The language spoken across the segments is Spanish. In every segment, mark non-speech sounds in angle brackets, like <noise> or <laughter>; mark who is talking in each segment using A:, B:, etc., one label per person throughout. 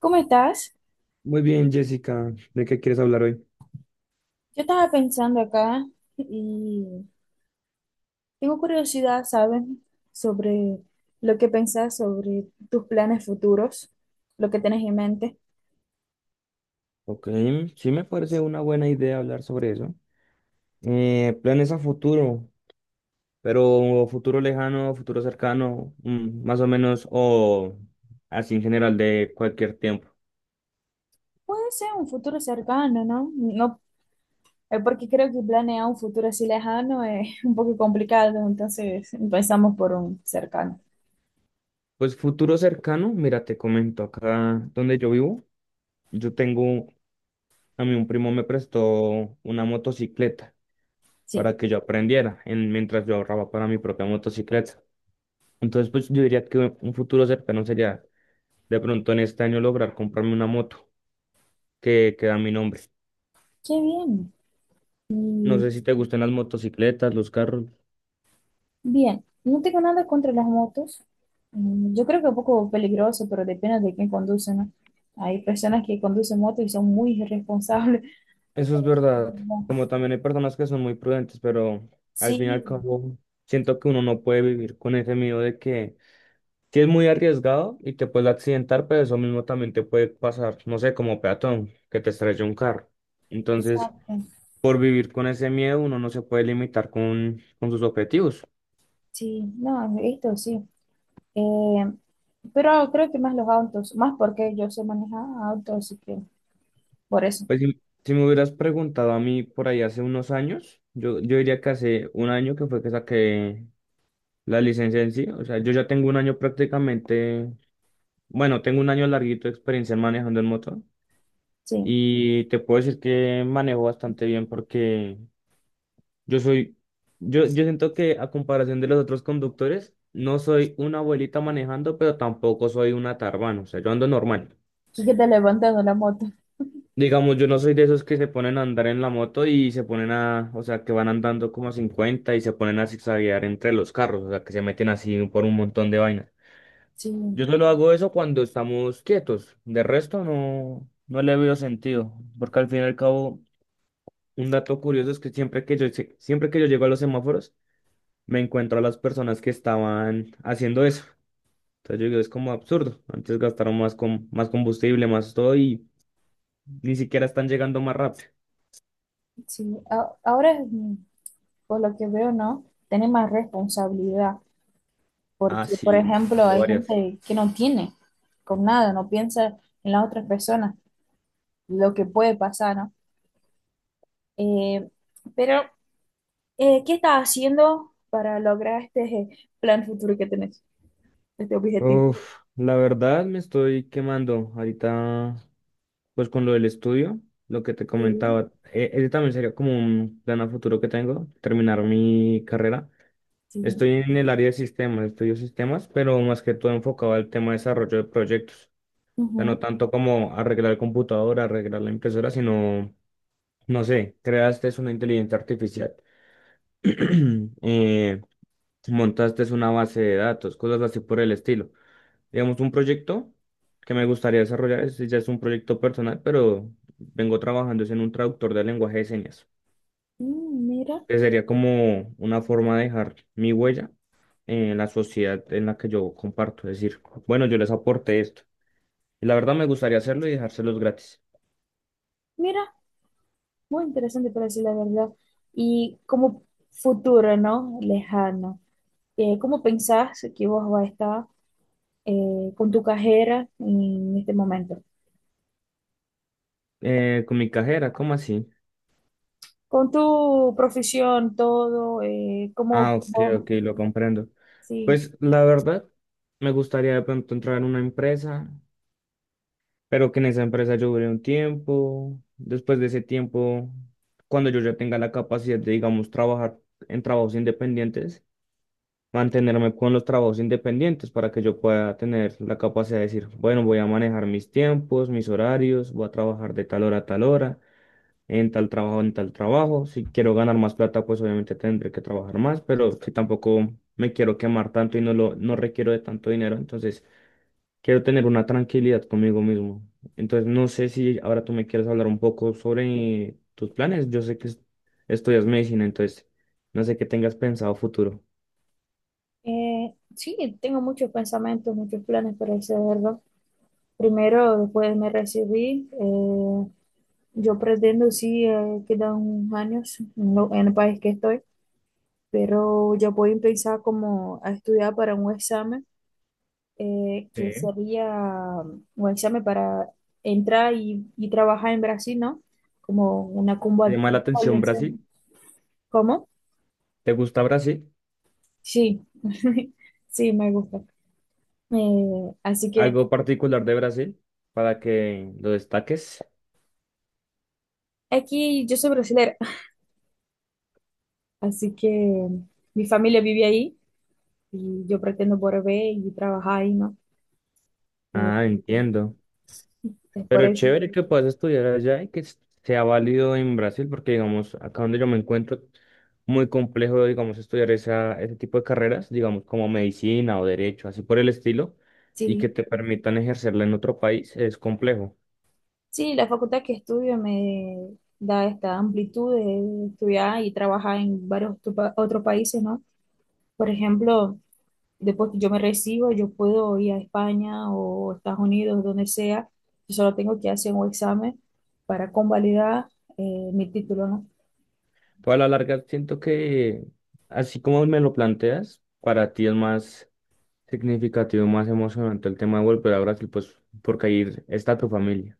A: ¿Cómo estás?
B: Muy bien, Jessica, ¿de qué quieres hablar hoy?
A: Yo estaba pensando acá y tengo curiosidad, ¿saben? Sobre lo que pensás sobre tus planes futuros, lo que tenés en mente.
B: Ok, sí me parece una buena idea hablar sobre eso. Planes a futuro, pero futuro lejano, futuro cercano, mm, más o menos, o así en general de cualquier tiempo.
A: Puede ser un futuro cercano, ¿no? No, porque creo que planear un futuro así lejano es <laughs> un poco complicado, entonces empezamos por un cercano.
B: Pues futuro cercano, mira, te comento, acá donde yo vivo, yo tengo, a mí un primo me prestó una motocicleta
A: Sí,
B: para que yo aprendiera mientras yo ahorraba para mi propia motocicleta. Entonces, pues yo diría que un futuro cercano sería de pronto en este año lograr comprarme una moto que queda a mi nombre.
A: qué bien.
B: No sé si te gustan las motocicletas, los carros.
A: Bien, no tengo nada contra las motos. Mm, yo creo que es un poco peligroso, pero depende de quién conduce, ¿no? Hay personas que conducen motos y son muy irresponsables. <laughs>
B: Eso es verdad.
A: No.
B: Como también hay personas que son muy prudentes, pero al fin y al
A: Sí,
B: cabo siento que uno no puede vivir con ese miedo de que si es muy arriesgado y te puedes accidentar, pero eso mismo también te puede pasar, no sé, como peatón, que te estrella un carro. Entonces,
A: exacto.
B: por vivir con ese miedo, uno no se puede limitar con sus objetivos.
A: Sí, no, esto sí. Eh, pero creo que más los autos, más porque yo sé manejar autos, así que por eso,
B: Pues si me hubieras preguntado a mí por ahí hace unos años, yo diría que hace un año que fue que saqué la licencia en sí. O sea, yo ya tengo un año prácticamente, bueno, tengo un año larguito de experiencia manejando el motor
A: sí.
B: y te puedo decir que manejo bastante bien porque yo soy, yo siento que a comparación de los otros conductores, no soy una abuelita manejando, pero tampoco soy una tarbana, o sea, yo ando normal.
A: Sí que te levantando la moto.
B: Digamos, yo no soy de esos que se ponen a andar en la moto y se ponen a, o sea, que van andando como a 50 y se ponen a zigzaguear entre los carros, o sea, que se meten así por un montón de vainas.
A: Sí,
B: Yo solo hago eso cuando estamos quietos, de resto no, no le veo sentido, porque al fin y al cabo, un dato curioso es que siempre que yo llego a los semáforos, me encuentro a las personas que estaban haciendo eso. Entonces yo digo, es como absurdo, antes gastaron más, más combustible, más todo y ni siquiera están llegando más rápido.
A: sí. Ahora, mm, por lo que veo, ¿no? Tenés más responsabilidad.
B: Ah,
A: Porque, por
B: sí,
A: ejemplo,
B: tengo
A: hay
B: varias.
A: gente que no tiene con nada, no piensa en las otras personas, lo que puede pasar, ¿no? Eh, pero, ¿Qué estás haciendo para lograr este plan futuro que tenés, este objetivo?
B: Uf, la verdad me estoy quemando ahorita, pues con lo del estudio, lo que te
A: Sí,
B: comentaba, ese también sería como un plan a futuro que tengo, terminar mi carrera.
A: sí.
B: Estoy en el área de sistemas, estudio sistemas, pero más que todo enfocado al tema de desarrollo de proyectos. O sea, no
A: Ujú.
B: tanto como arreglar el computador, arreglar la impresora, sino, no sé, creaste una inteligencia artificial, <clears throat> eh, montaste una base de datos, cosas así por el estilo. Digamos, un proyecto que me gustaría desarrollar, ese ya es un proyecto personal, pero vengo trabajando es en un traductor de lenguaje de señas,
A: Mm, mira,
B: que sería como una forma de dejar mi huella en la sociedad en la que yo comparto, es decir, bueno, yo les aporté esto. Y la verdad me gustaría hacerlo y dejárselos gratis.
A: mira, muy interesante para decir la verdad. Y como futuro, ¿no? Lejano. ¿Cómo pensás que vos vas a estar con tu carrera en este momento?
B: Con mi cajera, ¿cómo así?
A: Con tu profesión, todo,
B: Ah,
A: como
B: ok,
A: vos,
B: ok, lo comprendo.
A: sí,
B: Pues la verdad, me gustaría de pronto entrar en una empresa. Pero que en esa empresa yo duré un tiempo. Después de ese tiempo, cuando yo ya tenga la capacidad de, digamos, trabajar en trabajos independientes, mantenerme con los trabajos independientes para que yo pueda tener la capacidad de decir, bueno, voy a manejar mis tiempos, mis horarios, voy a trabajar de tal hora a tal hora, en tal trabajo, en tal trabajo. Si quiero ganar más plata, pues obviamente tendré que trabajar más, pero si tampoco me quiero quemar tanto y no requiero de tanto dinero, entonces quiero tener una tranquilidad conmigo mismo. Entonces, no sé si ahora tú me quieres hablar un poco sobre tus planes. Yo sé que estudias medicina, entonces no sé qué tengas pensado futuro.
A: sí, tengo muchos pensamientos, muchos planes para hacerlo. Primero, después me recibí, yo pretendo, sí, quedan unos años en, en el país que estoy, pero yo voy a pensar como a estudiar para un examen, que
B: Sí.
A: sería un examen para entrar y trabajar en Brasil, ¿no? Como una
B: ¿Te
A: cumbre.
B: llama la atención Brasil?
A: ¿Cómo?
B: ¿Te gusta Brasil?
A: Sí, <laughs> sí, me gusta. Así que
B: ¿Algo particular de Brasil para que lo destaques?
A: aquí yo soy brasileña <laughs> así que mi familia vive ahí y yo pretendo volver y trabajar ahí, ¿no? Eh,
B: Ah, entiendo.
A: es por
B: Pero
A: eso.
B: chévere que puedas estudiar allá y que sea válido en Brasil, porque digamos, acá donde yo me encuentro, muy complejo, digamos, estudiar esa, ese tipo de carreras, digamos, como medicina o derecho, así por el estilo, y que
A: Sí,
B: te permitan ejercerla en otro país, es complejo.
A: sí, la facultad que estudio me da esta amplitud de estudiar y trabajar en varios otros países, ¿no? Por ejemplo, después que yo me recibo, yo puedo ir a España o Estados Unidos, donde sea. Yo solo tengo que hacer un examen para convalidar mi título, ¿no?
B: Pero a la larga siento que, así como me lo planteas, para ti es más significativo, más emocionante el tema de volver a Brasil, pues porque ahí está tu familia.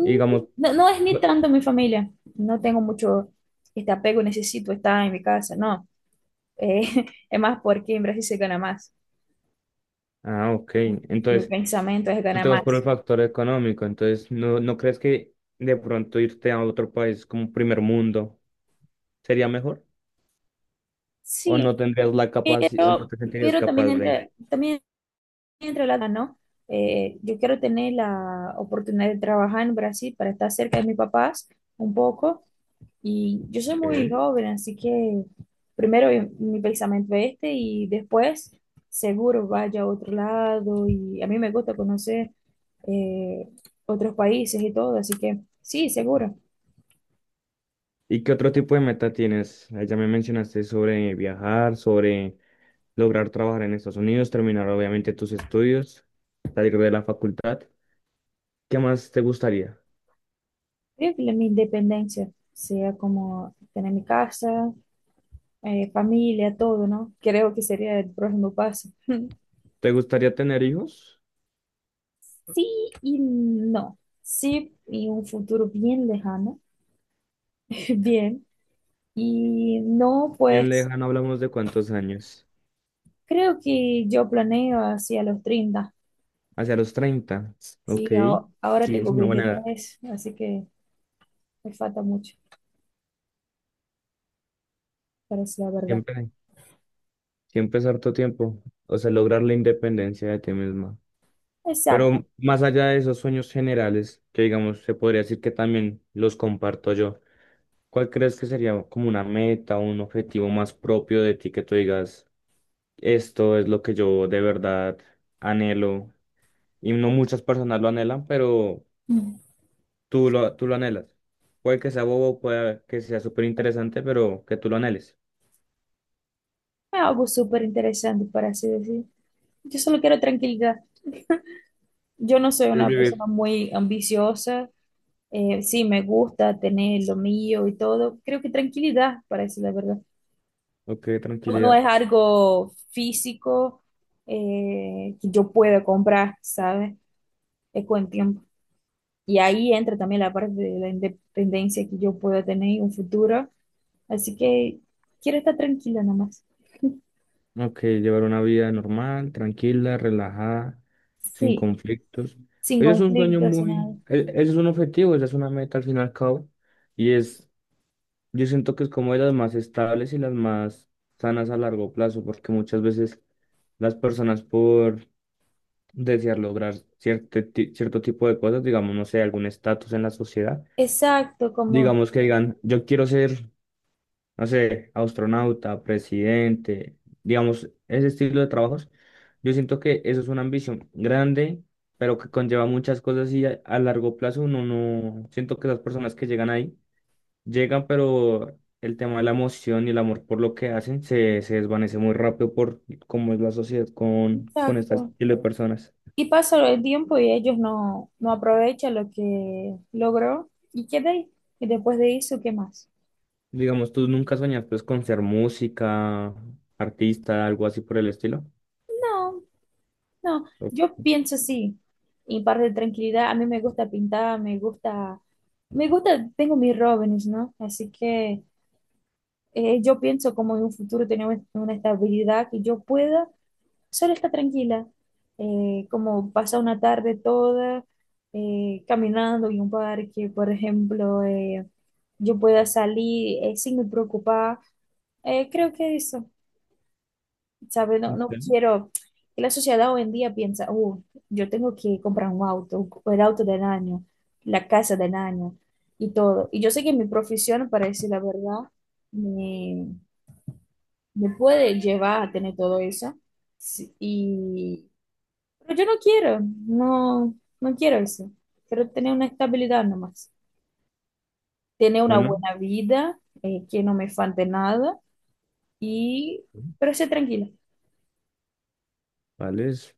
B: Y digamos,
A: no, no es ni
B: bu-
A: tanto mi familia. No tengo mucho este apego, necesito estar en mi casa, no. Eh, <laughs> es más porque en Brasil se gana más.
B: ah, ok,
A: Mi
B: entonces...
A: pensamiento es
B: tú
A: ganar
B: te vas por el
A: más.
B: factor económico, entonces no crees que de pronto irte a otro país como primer mundo sería mejor? ¿O
A: Sí,
B: no tendrías la capacidad, o no
A: pero,
B: te sentirías
A: pero
B: capaz de?
A: también entre la, ¿no? Yo quiero tener la oportunidad de trabajar en Brasil para estar cerca de mis papás un poco. Y yo soy muy
B: Ok.
A: joven, así que primero mi pensamiento es este y después seguro vaya a otro lado. Y a mí me gusta conocer eh, otros países y todo, así que sí, seguro.
B: ¿Y qué otro tipo de meta tienes? Ah, ya me mencionaste sobre viajar, sobre lograr trabajar en Estados Unidos, terminar obviamente tus estudios, salir de la facultad. ¿Qué más te gustaría?
A: Creo que mi independencia sea como tener mi casa, familia, todo, ¿no? Creo que sería el próximo paso. <laughs>
B: ¿Te gustaría tener hijos?
A: Sí y no. Sí, y un futuro bien lejano, <laughs> bien. Y no,
B: Bien
A: pues
B: lejano, hablamos de cuántos años.
A: creo que yo planeo hacia los 30.
B: Hacia los 30. Ok.
A: Sí, ahora
B: Sí, es
A: tengo
B: una buena edad.
A: 23, así que me falta mucho, para decir la verdad.
B: Siempre. Siempre es harto tiempo, o sea, lograr la independencia de ti misma.
A: Exacto.
B: Pero más allá de esos sueños generales, que digamos, se podría decir que también los comparto yo, ¿cuál crees que sería como una meta o un objetivo más propio de ti que tú digas, esto es lo que yo de verdad anhelo? Y no muchas personas lo anhelan, pero
A: Mm.
B: tú lo anhelas. Puede que sea bobo, puede que sea súper interesante, pero que tú lo anheles.
A: Algo súper interesante, para así decir. Yo solo quiero tranquilidad. Yo no soy
B: Es
A: una
B: vivir.
A: persona muy ambiciosa. Sí, me gusta tener lo mío y todo. Creo que tranquilidad, para decir la verdad.
B: Ok,
A: No, no
B: tranquilidad.
A: es algo físico que yo pueda comprar, ¿sabes? Es con el tiempo. Y ahí entra también la parte de la independencia que yo pueda tener en un futuro. Así que quiero estar tranquila nomás.
B: Ok, llevar una vida normal, tranquila, relajada, sin
A: Sí,
B: conflictos.
A: sin
B: Ese es un sueño
A: conflictos, sin nada.
B: ese es un objetivo, esa es una meta al fin y al cabo. Y es, yo siento que es como de las más estables y las más sanas a largo plazo, porque muchas veces las personas por desear lograr cierto tipo de cosas, digamos, no sé, algún estatus en la sociedad,
A: Exacto, como,
B: digamos que digan, yo quiero ser no sé, astronauta, presidente, digamos, ese estilo de trabajos, yo siento que eso es una ambición grande, pero que conlleva muchas cosas y a largo plazo uno no, siento que las personas que llegan ahí, llegan, pero el tema de la emoción y el amor por lo que hacen se desvanece muy rápido por cómo es la sociedad con este
A: exacto.
B: estilo de personas.
A: Y pasa el tiempo y ellos no, no aprovechan lo que logró y queda ahí. Y después de eso, ¿qué más?
B: Digamos, tú nunca soñaste pues, con ser música, artista, algo así por el estilo.
A: No, no,
B: Ok.
A: yo pienso así. Y parte de tranquilidad, a mí me gusta pintar, tengo mis Robins, ¿no? Así que yo pienso como en un futuro tener una estabilidad que yo pueda solo estar tranquila, como pasar una tarde toda caminando en un parque, por ejemplo, yo pueda salir sin me preocupar. Creo que eso. ¿Sabes? No, no quiero. Y la sociedad hoy en día piensa, yo tengo que comprar un auto, el auto del año, la casa del año y todo." Y yo sé que mi profesión, para decir la verdad, me, me puede llevar a tener todo eso. Sí, y, pero yo no quiero, no, no quiero eso. Quiero tener una estabilidad nomás. Tener una
B: Bueno.
A: buena vida, que no me falte nada y, pero ser tranquila.
B: ¿Vale? Es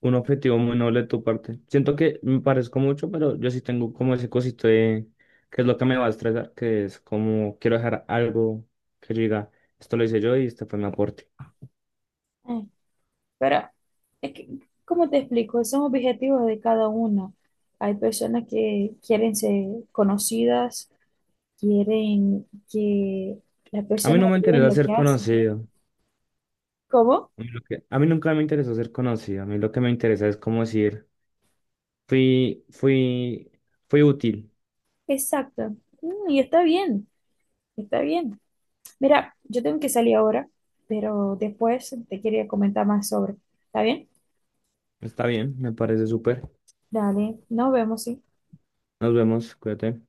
B: un objetivo muy noble de tu parte. Siento que me parezco mucho, pero yo sí tengo como ese cosito de que es lo que me va a estresar, que es como quiero dejar algo que yo diga, esto lo hice yo y este fue mi aporte.
A: Pero, es que, ¿cómo te explico? Son objetivos de cada uno. Hay personas que quieren ser conocidas, quieren que las
B: A mí
A: personas
B: no me
A: vean
B: interesa
A: lo
B: ser
A: que hacen.
B: conocido.
A: ¿Cómo?
B: A mí, a mí nunca me interesó ser conocido. A mí lo que me interesa es como decir, fui, fui, fui útil.
A: Exacto. Mm, y está bien, está bien. Mira, yo tengo que salir ahora, pero después te quería comentar más sobre. ¿Está bien?
B: Está bien, me parece súper.
A: Dale, nos vemos, sí.
B: Nos vemos, cuídate.